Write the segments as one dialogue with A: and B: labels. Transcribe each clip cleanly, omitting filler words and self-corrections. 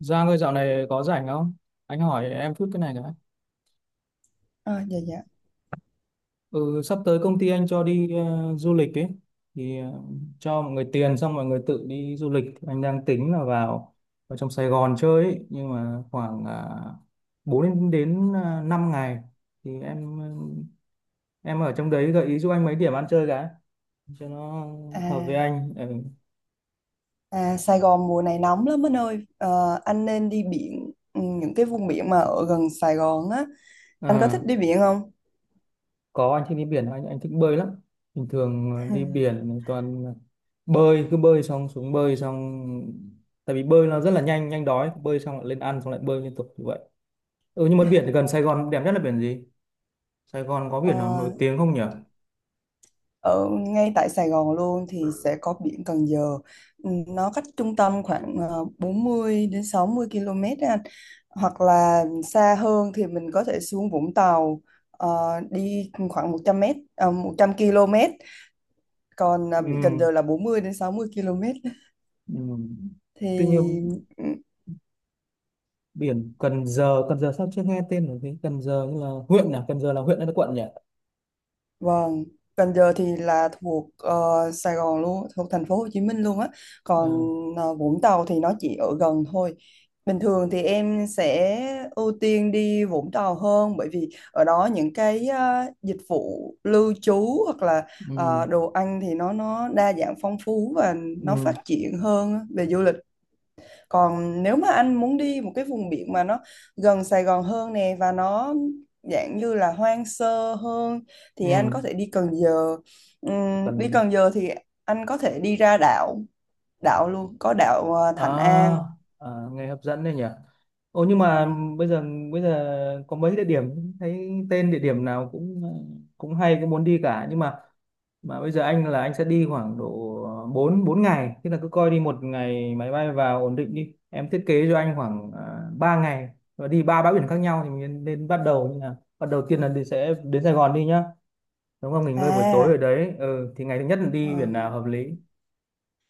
A: Giang ơi dạo này có rảnh không? Anh hỏi em chút cái này nữa.
B: À, dạ dạ.
A: Ừ, sắp tới công ty anh cho đi du lịch ấy. Thì ờ, cho mọi người tiền xong mọi người tự đi du lịch. Anh đang tính là vào vào trong Sài Gòn chơi ấy. Nhưng mà khoảng 4 ngày đến 5 ngày. Thì em ờ, em ở trong đấy gợi ý giúp anh mấy điểm ăn chơi cái. Cho nó
B: À,
A: hợp với anh. Ừ.
B: à, Sài Gòn mùa này nóng lắm anh ơi. Ờ, anh nên đi biển, những cái vùng biển mà ở gần Sài Gòn á. Anh có
A: Ờ.
B: thích đi biển không?
A: Có anh thích đi biển, anh thích bơi lắm. Bình thường đi biển mình toàn bơi, cứ bơi xong xuống bơi xong, tại vì bơi nó rất là nhanh, nhanh đói, bơi xong lại lên ăn xong lại bơi liên tục như vậy. Ừ, nhưng mà biển thì gần Sài Gòn đẹp nhất là biển gì? Sài Gòn có biển nào
B: Ờ,
A: nổi tiếng không nhỉ?
B: ở ngay tại Sài Gòn luôn thì sẽ có biển Cần Giờ. Ừ, nó cách trung tâm khoảng 40 đến 60 km á anh. Hoặc là xa hơn thì mình có thể xuống Vũng Tàu, ờ, đi khoảng 100 m, 100 km. Còn biển Cần
A: Ừ,
B: Giờ là 40 đến 60 km.
A: ừ.
B: Thì,
A: Tuy nhiên
B: ừ,
A: biển Cần Giờ, Cần Giờ sao chưa nghe tên là gì? Cần Giờ như là huyện à? Cần Giờ là huyện hay là quận nhỉ?
B: vâng. Cần Giờ thì là thuộc Sài Gòn luôn, thuộc thành phố Hồ Chí Minh luôn á. Còn
A: À,
B: Vũng Tàu thì nó chỉ ở gần thôi. Bình thường thì em sẽ ưu tiên đi Vũng Tàu hơn, bởi vì ở đó những cái dịch vụ lưu trú hoặc là
A: ừ,
B: đồ ăn thì nó đa dạng, phong phú, và nó
A: ừ,
B: phát triển hơn á, về du lịch. Còn nếu mà anh muốn đi một cái vùng biển mà nó gần Sài Gòn hơn nè, và nó dạng như là hoang sơ hơn, thì anh
A: ừ.
B: có thể đi Cần Giờ. Đi
A: Cần,
B: Cần Giờ thì anh có thể đi ra đảo, đảo luôn, có đảo
A: à,
B: Thạnh An.
A: à, nghe hấp dẫn đấy nhỉ. Ồ nhưng mà
B: Vâng.
A: bây giờ, bây giờ có mấy địa điểm thấy tên địa điểm nào cũng cũng hay, cũng muốn đi cả. Nhưng mà bây giờ anh là anh sẽ đi khoảng độ 4 4 ngày, tức là cứ coi đi một ngày máy bay vào ổn định, đi em thiết kế cho anh khoảng 3 ngày và đi ba bãi biển khác nhau. Thì mình nên bắt đầu như nào? Bắt đầu tiên là đi sẽ đến Sài Gòn đi nhá, đúng không, nghỉ ngơi buổi tối
B: À,
A: ở đấy. Ừ, thì ngày thứ nhất là đi biển
B: vâng.
A: nào hợp lý?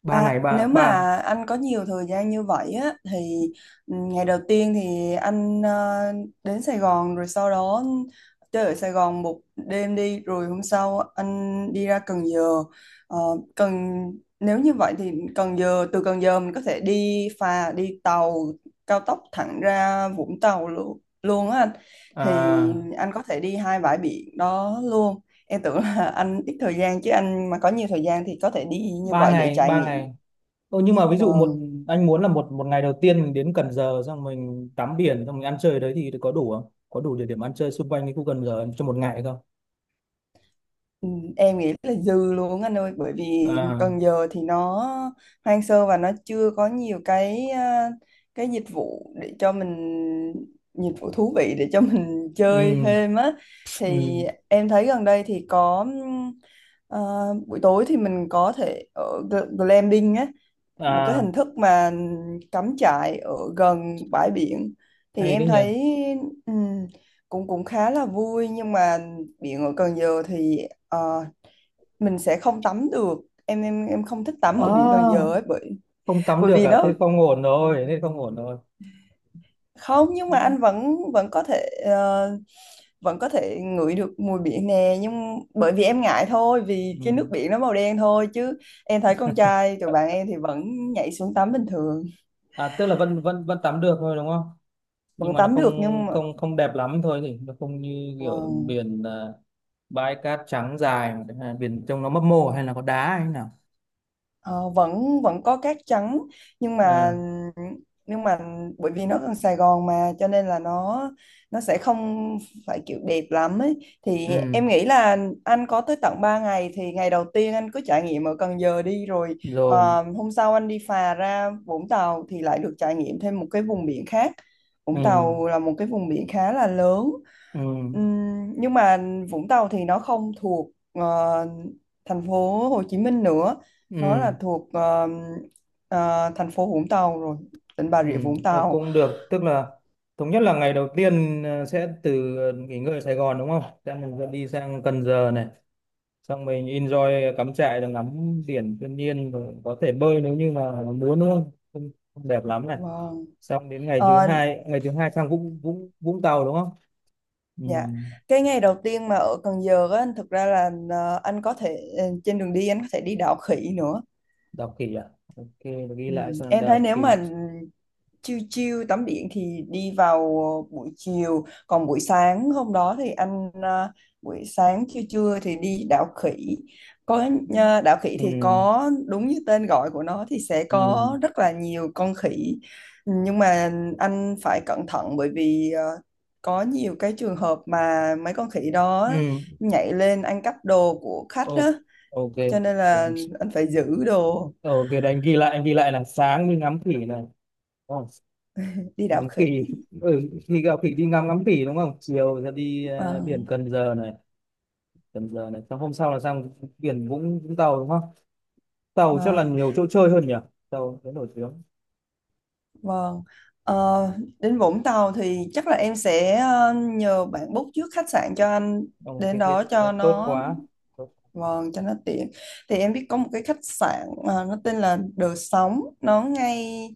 A: ba
B: À,
A: ngày ba
B: nếu mà
A: ba
B: anh có nhiều thời gian như vậy á, thì, ngày đầu tiên thì anh đến Sài Gòn rồi sau đó chơi ở Sài Gòn một đêm đi, rồi hôm sau anh đi ra Cần Giờ. Ờ, Cần Nếu như vậy thì Cần Giờ, từ Cần Giờ mình có thể đi phà, đi tàu cao tốc thẳng ra Vũng Tàu luôn, luôn á anh. Thì
A: à,
B: anh có thể đi hai bãi biển đó luôn. Em tưởng là anh ít thời gian, chứ anh mà có nhiều thời gian thì có thể đi như
A: ba
B: vậy để
A: ngày
B: trải
A: ba
B: nghiệm.
A: ngày. Ồ, nhưng mà ví dụ
B: Vâng,
A: anh muốn là một, ngày đầu tiên mình đến Cần Giờ xong mình tắm biển, xong mình ăn chơi ở đấy thì có đủ không? Có đủ địa điểm ăn chơi xung quanh cái khu Cần Giờ cho một ngày không?
B: ừ, em nghĩ là dư luôn anh ơi, bởi vì
A: À,
B: Cần Giờ thì nó hoang sơ và nó chưa có nhiều cái cái dịch vụ thú vị để cho mình chơi
A: ừ,
B: thêm á. Thì
A: ừ,
B: em thấy gần đây thì có, à, buổi tối thì mình có thể ở glamping á, một cái
A: à,
B: hình thức mà cắm trại ở gần bãi biển. Thì
A: hay
B: em
A: đấy nhỉ.
B: thấy, ừm, cũng cũng khá là vui, nhưng mà biển ở Cần Giờ thì ờ, mình sẽ không tắm được. Em không thích tắm ở biển Cần
A: À,
B: Giờ ấy, bởi
A: không tắm
B: bởi
A: được
B: vì
A: à?
B: nó
A: Thế không ổn rồi, thế không ổn rồi.
B: không. Nhưng mà anh vẫn vẫn có thể ngửi được mùi biển nè, nhưng bởi vì em ngại thôi, vì cái nước
A: Ừ.
B: biển nó màu đen thôi, chứ em thấy con trai tụi bạn em thì vẫn nhảy xuống tắm bình thường.
A: À, tức là vẫn vẫn vẫn tắm được thôi đúng không? Nhưng
B: Vẫn
A: mà nó
B: tắm
A: không,
B: được nhưng mà.
A: không không đẹp lắm thôi nhỉ? Nó không như kiểu
B: Vâng.
A: biển, bãi cát trắng dài, mà, à, biển trông nó mấp mô hay là có đá hay thế nào?
B: Ờ, vẫn vẫn có cát trắng, nhưng mà,
A: À,
B: nhưng mà bởi vì nó gần Sài Gòn mà, cho nên là nó, sẽ không phải kiểu đẹp lắm ấy. Thì
A: ừ.
B: em nghĩ là anh có tới tận 3 ngày, thì ngày đầu tiên anh cứ trải nghiệm ở Cần Giờ đi, rồi
A: Rồi,
B: hôm sau anh đi phà ra Vũng Tàu thì lại được trải nghiệm thêm một cái vùng biển khác.
A: ừ,
B: Vũng Tàu là một cái vùng biển khá là lớn.
A: ừ,
B: Nhưng mà Vũng Tàu thì nó không thuộc thành phố Hồ Chí Minh nữa, nó là
A: ừ,
B: thuộc thành phố Vũng Tàu rồi, tỉnh Bà
A: ừ.
B: Rịa Vũng
A: Ờ,
B: Tàu.
A: cũng được, tức là thống nhất là ngày đầu tiên sẽ từ, nghỉ ngơi ở Sài Gòn đúng không, sẽ mình sẽ đi sang Cần Giờ này, xong mình enjoy cắm trại rồi ngắm biển thiên nhiên, rồi có thể bơi nếu như mà muốn đúng không, không, không đẹp lắm này.
B: Vâng.
A: Xong đến ngày thứ
B: Ờ,
A: hai, ngày thứ hai sang Vũng Vũng Vũng Tàu đúng không? Ừ.
B: dạ, cái ngày đầu tiên mà ở Cần Giờ á, thực ra là anh có thể ờ, trên đường đi anh có thể đi đảo khỉ nữa.
A: Đọc kỹ à? Ok, ghi
B: Ừ.
A: lại xong
B: Em
A: đọc
B: thấy nếu
A: kỹ.
B: mà chiêu chiêu tắm biển thì đi vào buổi chiều, còn buổi sáng hôm đó thì buổi sáng trưa trưa thì đi đảo khỉ. Có, đảo khỉ
A: Ừ,
B: thì có đúng như tên gọi của nó, thì sẽ
A: ừ,
B: có rất là nhiều con khỉ. Nhưng mà anh phải cẩn thận bởi vì có nhiều cái trường hợp mà mấy con khỉ đó
A: ừ,
B: nhảy lên ăn cắp đồ của khách
A: ok,
B: đó, cho nên là
A: ok.
B: anh phải giữ đồ,
A: Ồ, cái đấy anh ghi lại là sáng đi ngắm khỉ này. Ồ,
B: đi đảo
A: ngắm
B: khỉ.
A: khỉ, ừ, khi gặp khỉ đi ngắm ngắm khỉ đúng không? Chiều ra đi biển
B: Vâng.
A: Cần Giờ này, Cần Giờ này. Xong hôm sau là sang biển Vũng Vũng Tàu đúng không? Tàu chắc là
B: Vâng,
A: nhiều chỗ chơi hơn nhỉ? Tàu thế nổi tiếng.
B: vâng. Ờ, đến Vũng Tàu thì chắc là em sẽ nhờ bạn book trước khách sạn cho anh
A: Ồ,
B: đến
A: cái thế,
B: đó
A: thế
B: cho
A: tốt
B: nó,
A: quá. Tốt.
B: vâng, cho nó tiện. Thì em biết có một cái khách sạn, nó tên là Đờ Sóng, nó ngay,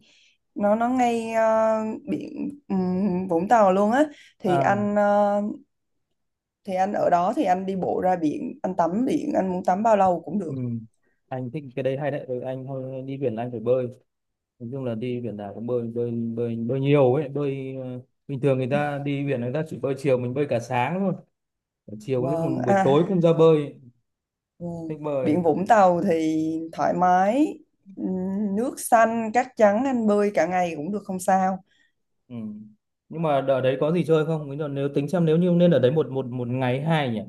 B: nó ngay biển, Vũng Tàu luôn á. Thì
A: À,
B: anh ờ, thì anh ở đó thì anh đi bộ ra biển, anh tắm biển, anh muốn tắm bao lâu cũng
A: ừ.
B: được.
A: Anh thích cái đấy, hay đấy. Ừ, anh thôi đi biển là anh phải bơi. Nói chung là đi biển nào cũng bơi, bơi, bơi, bơi nhiều ấy. Bơi bình thường người ta đi biển người ta chỉ bơi chiều, mình bơi cả sáng thôi. Chiều có lúc
B: Vâng.
A: còn buổi
B: À,
A: tối cũng ra bơi,
B: ừ.
A: thích bơi.
B: Biển Vũng Tàu thì thoải mái, ừ, nước xanh, cát trắng, anh bơi cả ngày cũng được không sao.
A: Ừ. Nhưng mà ở đấy có gì chơi không? Nếu nếu tính xem nếu như nên ở đấy một, một ngày hai nhỉ?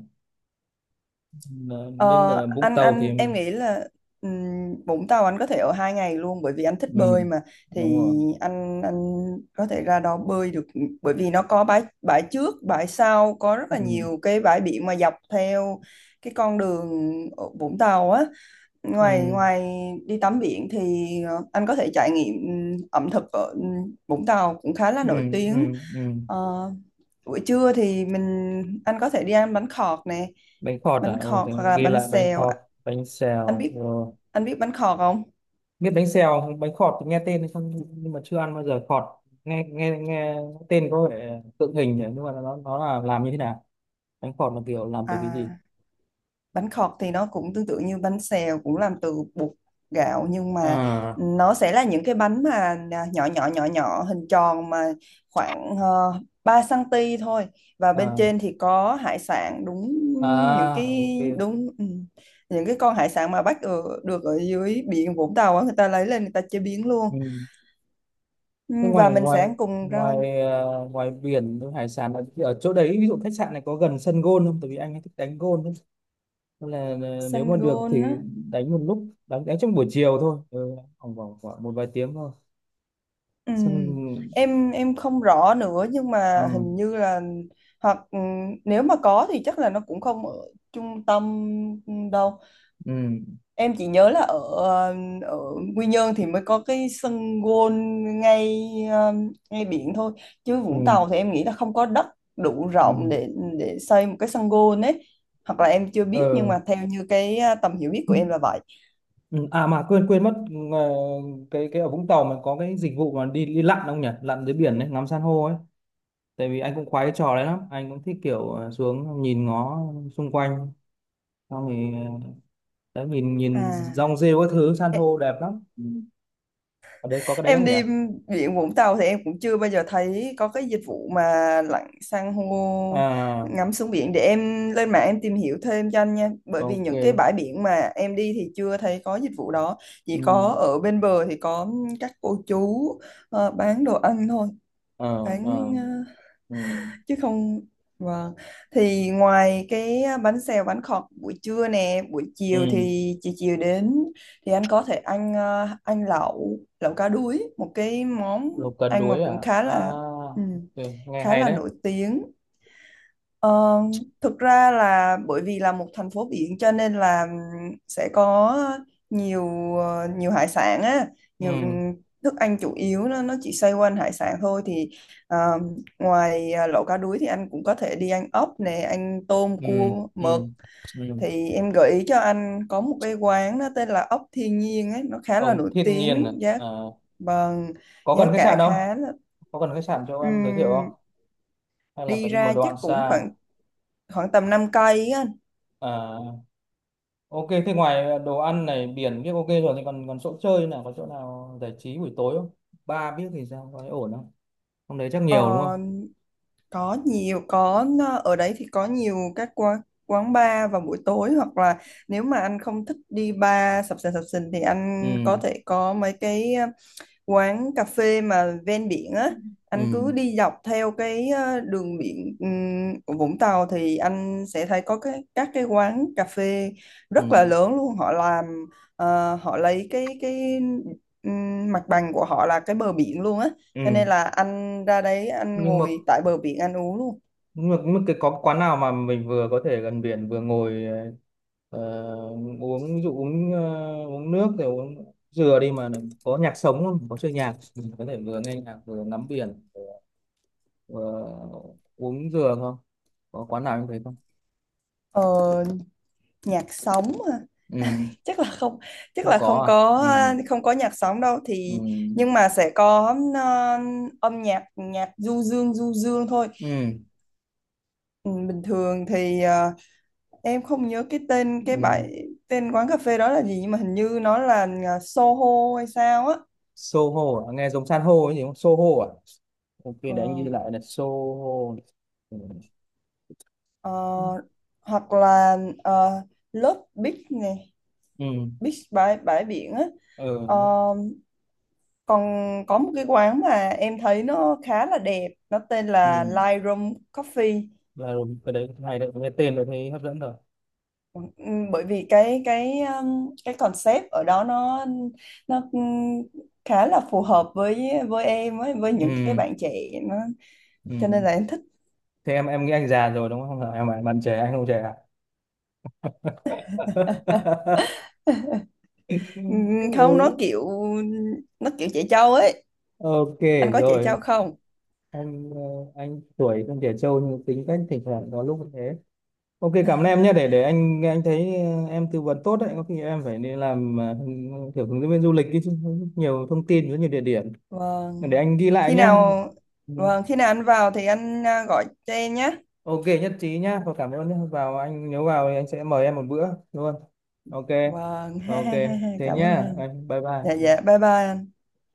A: Ờ, nên
B: Ờ,
A: ở Vũng Tàu thì
B: anh em nghĩ là Vũng Tàu anh có thể ở 2 ngày luôn bởi vì anh thích
A: ừ.
B: bơi mà.
A: Đúng
B: Thì
A: rồi.
B: anh có thể ra đó bơi được, bởi vì nó có bãi bãi trước, bãi sau, có rất là
A: Ừ.
B: nhiều cái bãi biển mà dọc theo cái con đường ở Vũng Tàu á.
A: Ừ.
B: Ngoài ngoài đi tắm biển thì anh có thể trải nghiệm, ẩm thực ở Vũng Tàu cũng khá là
A: Ừ.
B: nổi
A: Ừ.
B: tiếng.
A: Ừ.
B: Ờ, buổi trưa thì anh có thể đi ăn bánh khọt nè,
A: Bánh khọt à?
B: bánh
A: Ồ,
B: khọt
A: thì
B: hoặc là
A: ghi
B: bánh
A: lại bánh
B: xèo.
A: khọt. Bánh
B: anh
A: xèo
B: biết
A: rồi,
B: anh biết bánh khọt không?
A: biết bánh xèo không? Bánh khọt thì nghe tên hay không nhưng mà chưa ăn bao giờ. Khọt, nghe, nghe tên có vẻ tượng hình nhỉ, nhưng mà nó là làm như thế nào, bánh khọt là kiểu làm từ cái gì?
B: à Bánh khọt thì nó cũng tương tự như bánh xèo, cũng làm từ bột gạo, nhưng mà
A: À,
B: nó sẽ là những cái bánh mà nhỏ nhỏ nhỏ nhỏ hình tròn, mà khoảng 3 cm thôi, và bên
A: à,
B: trên thì có hải sản. Đúng, những cái,
A: à, ok.
B: đúng, những cái con hải sản mà bắt ở, được ở dưới biển Vũng Tàu á, người ta lấy lên người ta chế biến luôn.
A: Ừ.
B: Ừ,
A: Thế
B: và
A: ngoài,
B: mình
A: ngoài
B: sẽ ăn cùng rau.
A: ngoài ngoài biển, ngoài hải sản ở chỗ đấy, ví dụ khách sạn này có gần sân golf không, tại vì anh ấy thích đánh golf ấy. Nên là nếu
B: Xanh
A: mà được
B: gôn á.
A: thì đánh một lúc, đánh đánh trong buổi chiều thôi. Ừ, khoảng khoảng khoảng một vài tiếng thôi.
B: ừ.
A: Sân,
B: Em không rõ nữa nhưng mà
A: ừ,
B: hình như là, hoặc nếu mà có thì chắc là nó cũng không ở trung tâm đâu.
A: ừ,
B: Em chỉ nhớ là ở ở Quy Nhơn thì mới có cái sân gôn ngay ngay biển thôi, chứ Vũng
A: ừ,
B: Tàu thì em nghĩ là không có đất đủ
A: ừ,
B: rộng để xây một cái sân gôn ấy. Hoặc là em chưa biết nhưng
A: ờ.
B: mà theo như cái tầm hiểu biết của em là vậy.
A: Ừ. À mà quên quên mất ờ, cái ở Vũng Tàu mà có cái dịch vụ mà đi, lặn không nhỉ? Lặn dưới biển đấy, ngắm san hô ấy. Tại vì anh cũng khoái cái trò đấy lắm, anh cũng thích kiểu xuống nhìn ngó xung quanh, xong thì ờ, đấy, nhìn,
B: À
A: rong rêu các thứ, san hô đẹp lắm. Ừ. Ở đây có cái đấy không
B: em
A: nhỉ?
B: đi biển Vũng Tàu thì em cũng chưa bao giờ thấy có cái dịch vụ mà lặn san hô,
A: À,
B: ngắm xuống biển. Để em lên mạng em tìm hiểu thêm cho anh nha, bởi vì những cái
A: ok.
B: bãi biển mà em đi thì chưa thấy có dịch vụ đó. Chỉ
A: Ừ,
B: có ở bên bờ thì có các cô chú bán đồ ăn thôi,
A: ờ,
B: bán
A: ờ, ừ,
B: chứ không. Vâng. Thì ngoài cái bánh xèo, bánh khọt buổi trưa nè, buổi chiều
A: ừ.
B: thì chiều chiều đến thì anh có thể anh ờ, anh lẩu lẩu cá đuối, một cái món
A: Lục cần
B: anh mà
A: đuối
B: cũng
A: à?
B: khá
A: À,
B: là, ừ,
A: ok. Nghe
B: khá
A: hay
B: là
A: đấy.
B: nổi tiếng. Ờ, thực ra là bởi vì là một thành phố biển cho nên là sẽ có nhiều, hải sản á, nhiều
A: Ừ,
B: thức ăn chủ yếu nó chỉ xoay quanh hải sản thôi. Thì ờ, ngoài lẩu cá đuối thì anh cũng có thể đi ăn ốc nè, ăn tôm,
A: ừ,
B: cua,
A: ừ,
B: mực.
A: ừ.
B: Thì em gợi ý cho anh có một cái quán nó tên là Ốc Thiên Nhiên ấy, nó khá là
A: Ông
B: nổi
A: thiên nhiên à?
B: tiếng,
A: Ờ,
B: bằng
A: có
B: giá
A: cần khách
B: cả
A: sạn không,
B: khá là,
A: có cần khách sạn cho em giới thiệu không,
B: ừm,
A: hay là
B: đi
A: phải đi một
B: ra
A: đoạn
B: chắc cũng
A: xa?
B: khoảng, tầm 5 cây á anh.
A: À, ok. Thế ngoài đồ ăn này, biển biết ok rồi, thì còn, còn chỗ chơi nào, có chỗ nào giải trí buổi tối không? Ba biết thì sao, có thấy ổn không? Hôm đấy chắc nhiều đúng không?
B: Ờ, có nhiều có ờ, ở đấy thì có nhiều các quán quán bar vào buổi tối, hoặc là nếu mà anh không thích đi bar sập sình thì
A: Ừ,
B: anh có thể có mấy cái quán cà phê mà ven biển á. Anh
A: ừ,
B: cứ đi dọc theo cái đường biển, của Vũng Tàu thì anh sẽ thấy có các cái quán cà phê rất là
A: ừ,
B: lớn luôn. Họ làm họ lấy cái, mặt bằng của họ là cái bờ biển luôn á, cho
A: ừ.
B: nên là anh ra đấy anh
A: Nhưng mà,
B: ngồi tại bờ biển anh uống luôn.
A: nhưng mà, nhưng mà cái có quán nào mà mình vừa có thể gần biển vừa ngồi ờ, uống, ví dụ uống uống nước rồi uống dừa đi mà, có nhạc sống không? Có chơi nhạc, mình có thể vừa nghe nhạc vừa ngắm biển vừa uống dừa không? Có quán nào như thế không?
B: Ờ, nhạc sống hả?
A: Ừ,
B: Chắc là không, chắc
A: không
B: là không
A: có
B: có,
A: à? Ừ.
B: không có nhạc sống đâu.
A: Ừ,
B: Thì, nhưng mà sẽ có âm nhạc nhạc du dương thôi.
A: ừ,
B: Ừ, bình thường thì em không nhớ cái tên, cái
A: ừ.
B: bãi tên quán cà phê đó là gì, nhưng mà hình như nó là Soho hay sao á.
A: Soho à? Nghe giống san hô ấy gì không? Soho à? Ok,
B: Ờ,
A: để anh ghi lại là Soho. Ừ,
B: ờ,
A: ừ,
B: hoặc là ờ, Love Beach này.
A: ừ,
B: Beach, bãi bãi biển á. Ờ,
A: ừ,
B: còn có một cái quán mà em thấy nó khá là đẹp, nó tên
A: ừ.
B: là Lightroom Coffee.
A: Là cái đấy hay đấy, nghe tên rồi thấy hấp dẫn rồi.
B: Ừ, ừ, bởi vì cái, concept ở đó nó, nó um, khá là phù hợp với, em với,
A: Ừ,
B: những cái bạn trẻ, nó cho nên
A: ừ.
B: là em thích.
A: Thế em nghĩ anh già rồi đúng không? Em bạn, trẻ, anh không trẻ à?
B: Không,
A: Ừ.
B: nó kiểu, trẻ trâu ấy.
A: Ok
B: Anh có trẻ trâu
A: rồi.
B: không?
A: anh ờ, anh tuổi không trẻ trâu nhưng tính cách thỉnh thoảng có lúc thế. Ok cảm ơn em nhé, để anh thấy em tư vấn tốt đấy, có khi em phải đi làm kiểu hướng dẫn viên du lịch ấy chứ, nhiều thông tin, rất nhiều địa điểm. Để
B: vâng
A: anh ghi lại
B: khi
A: nhé.
B: nào
A: Ừ.
B: vâng khi nào anh vào thì anh gọi cho em nhé.
A: Ok, nhất trí nhá, và cảm ơn nhé, vào anh, nếu vào thì anh sẽ mời em một bữa luôn. Ok.
B: Vâng. Ha
A: Ok,
B: ha ha ha.
A: thế
B: Cảm ơn
A: nhá,
B: anh.
A: anh bye
B: Dạ
A: bye.
B: dạ, bye bye anh.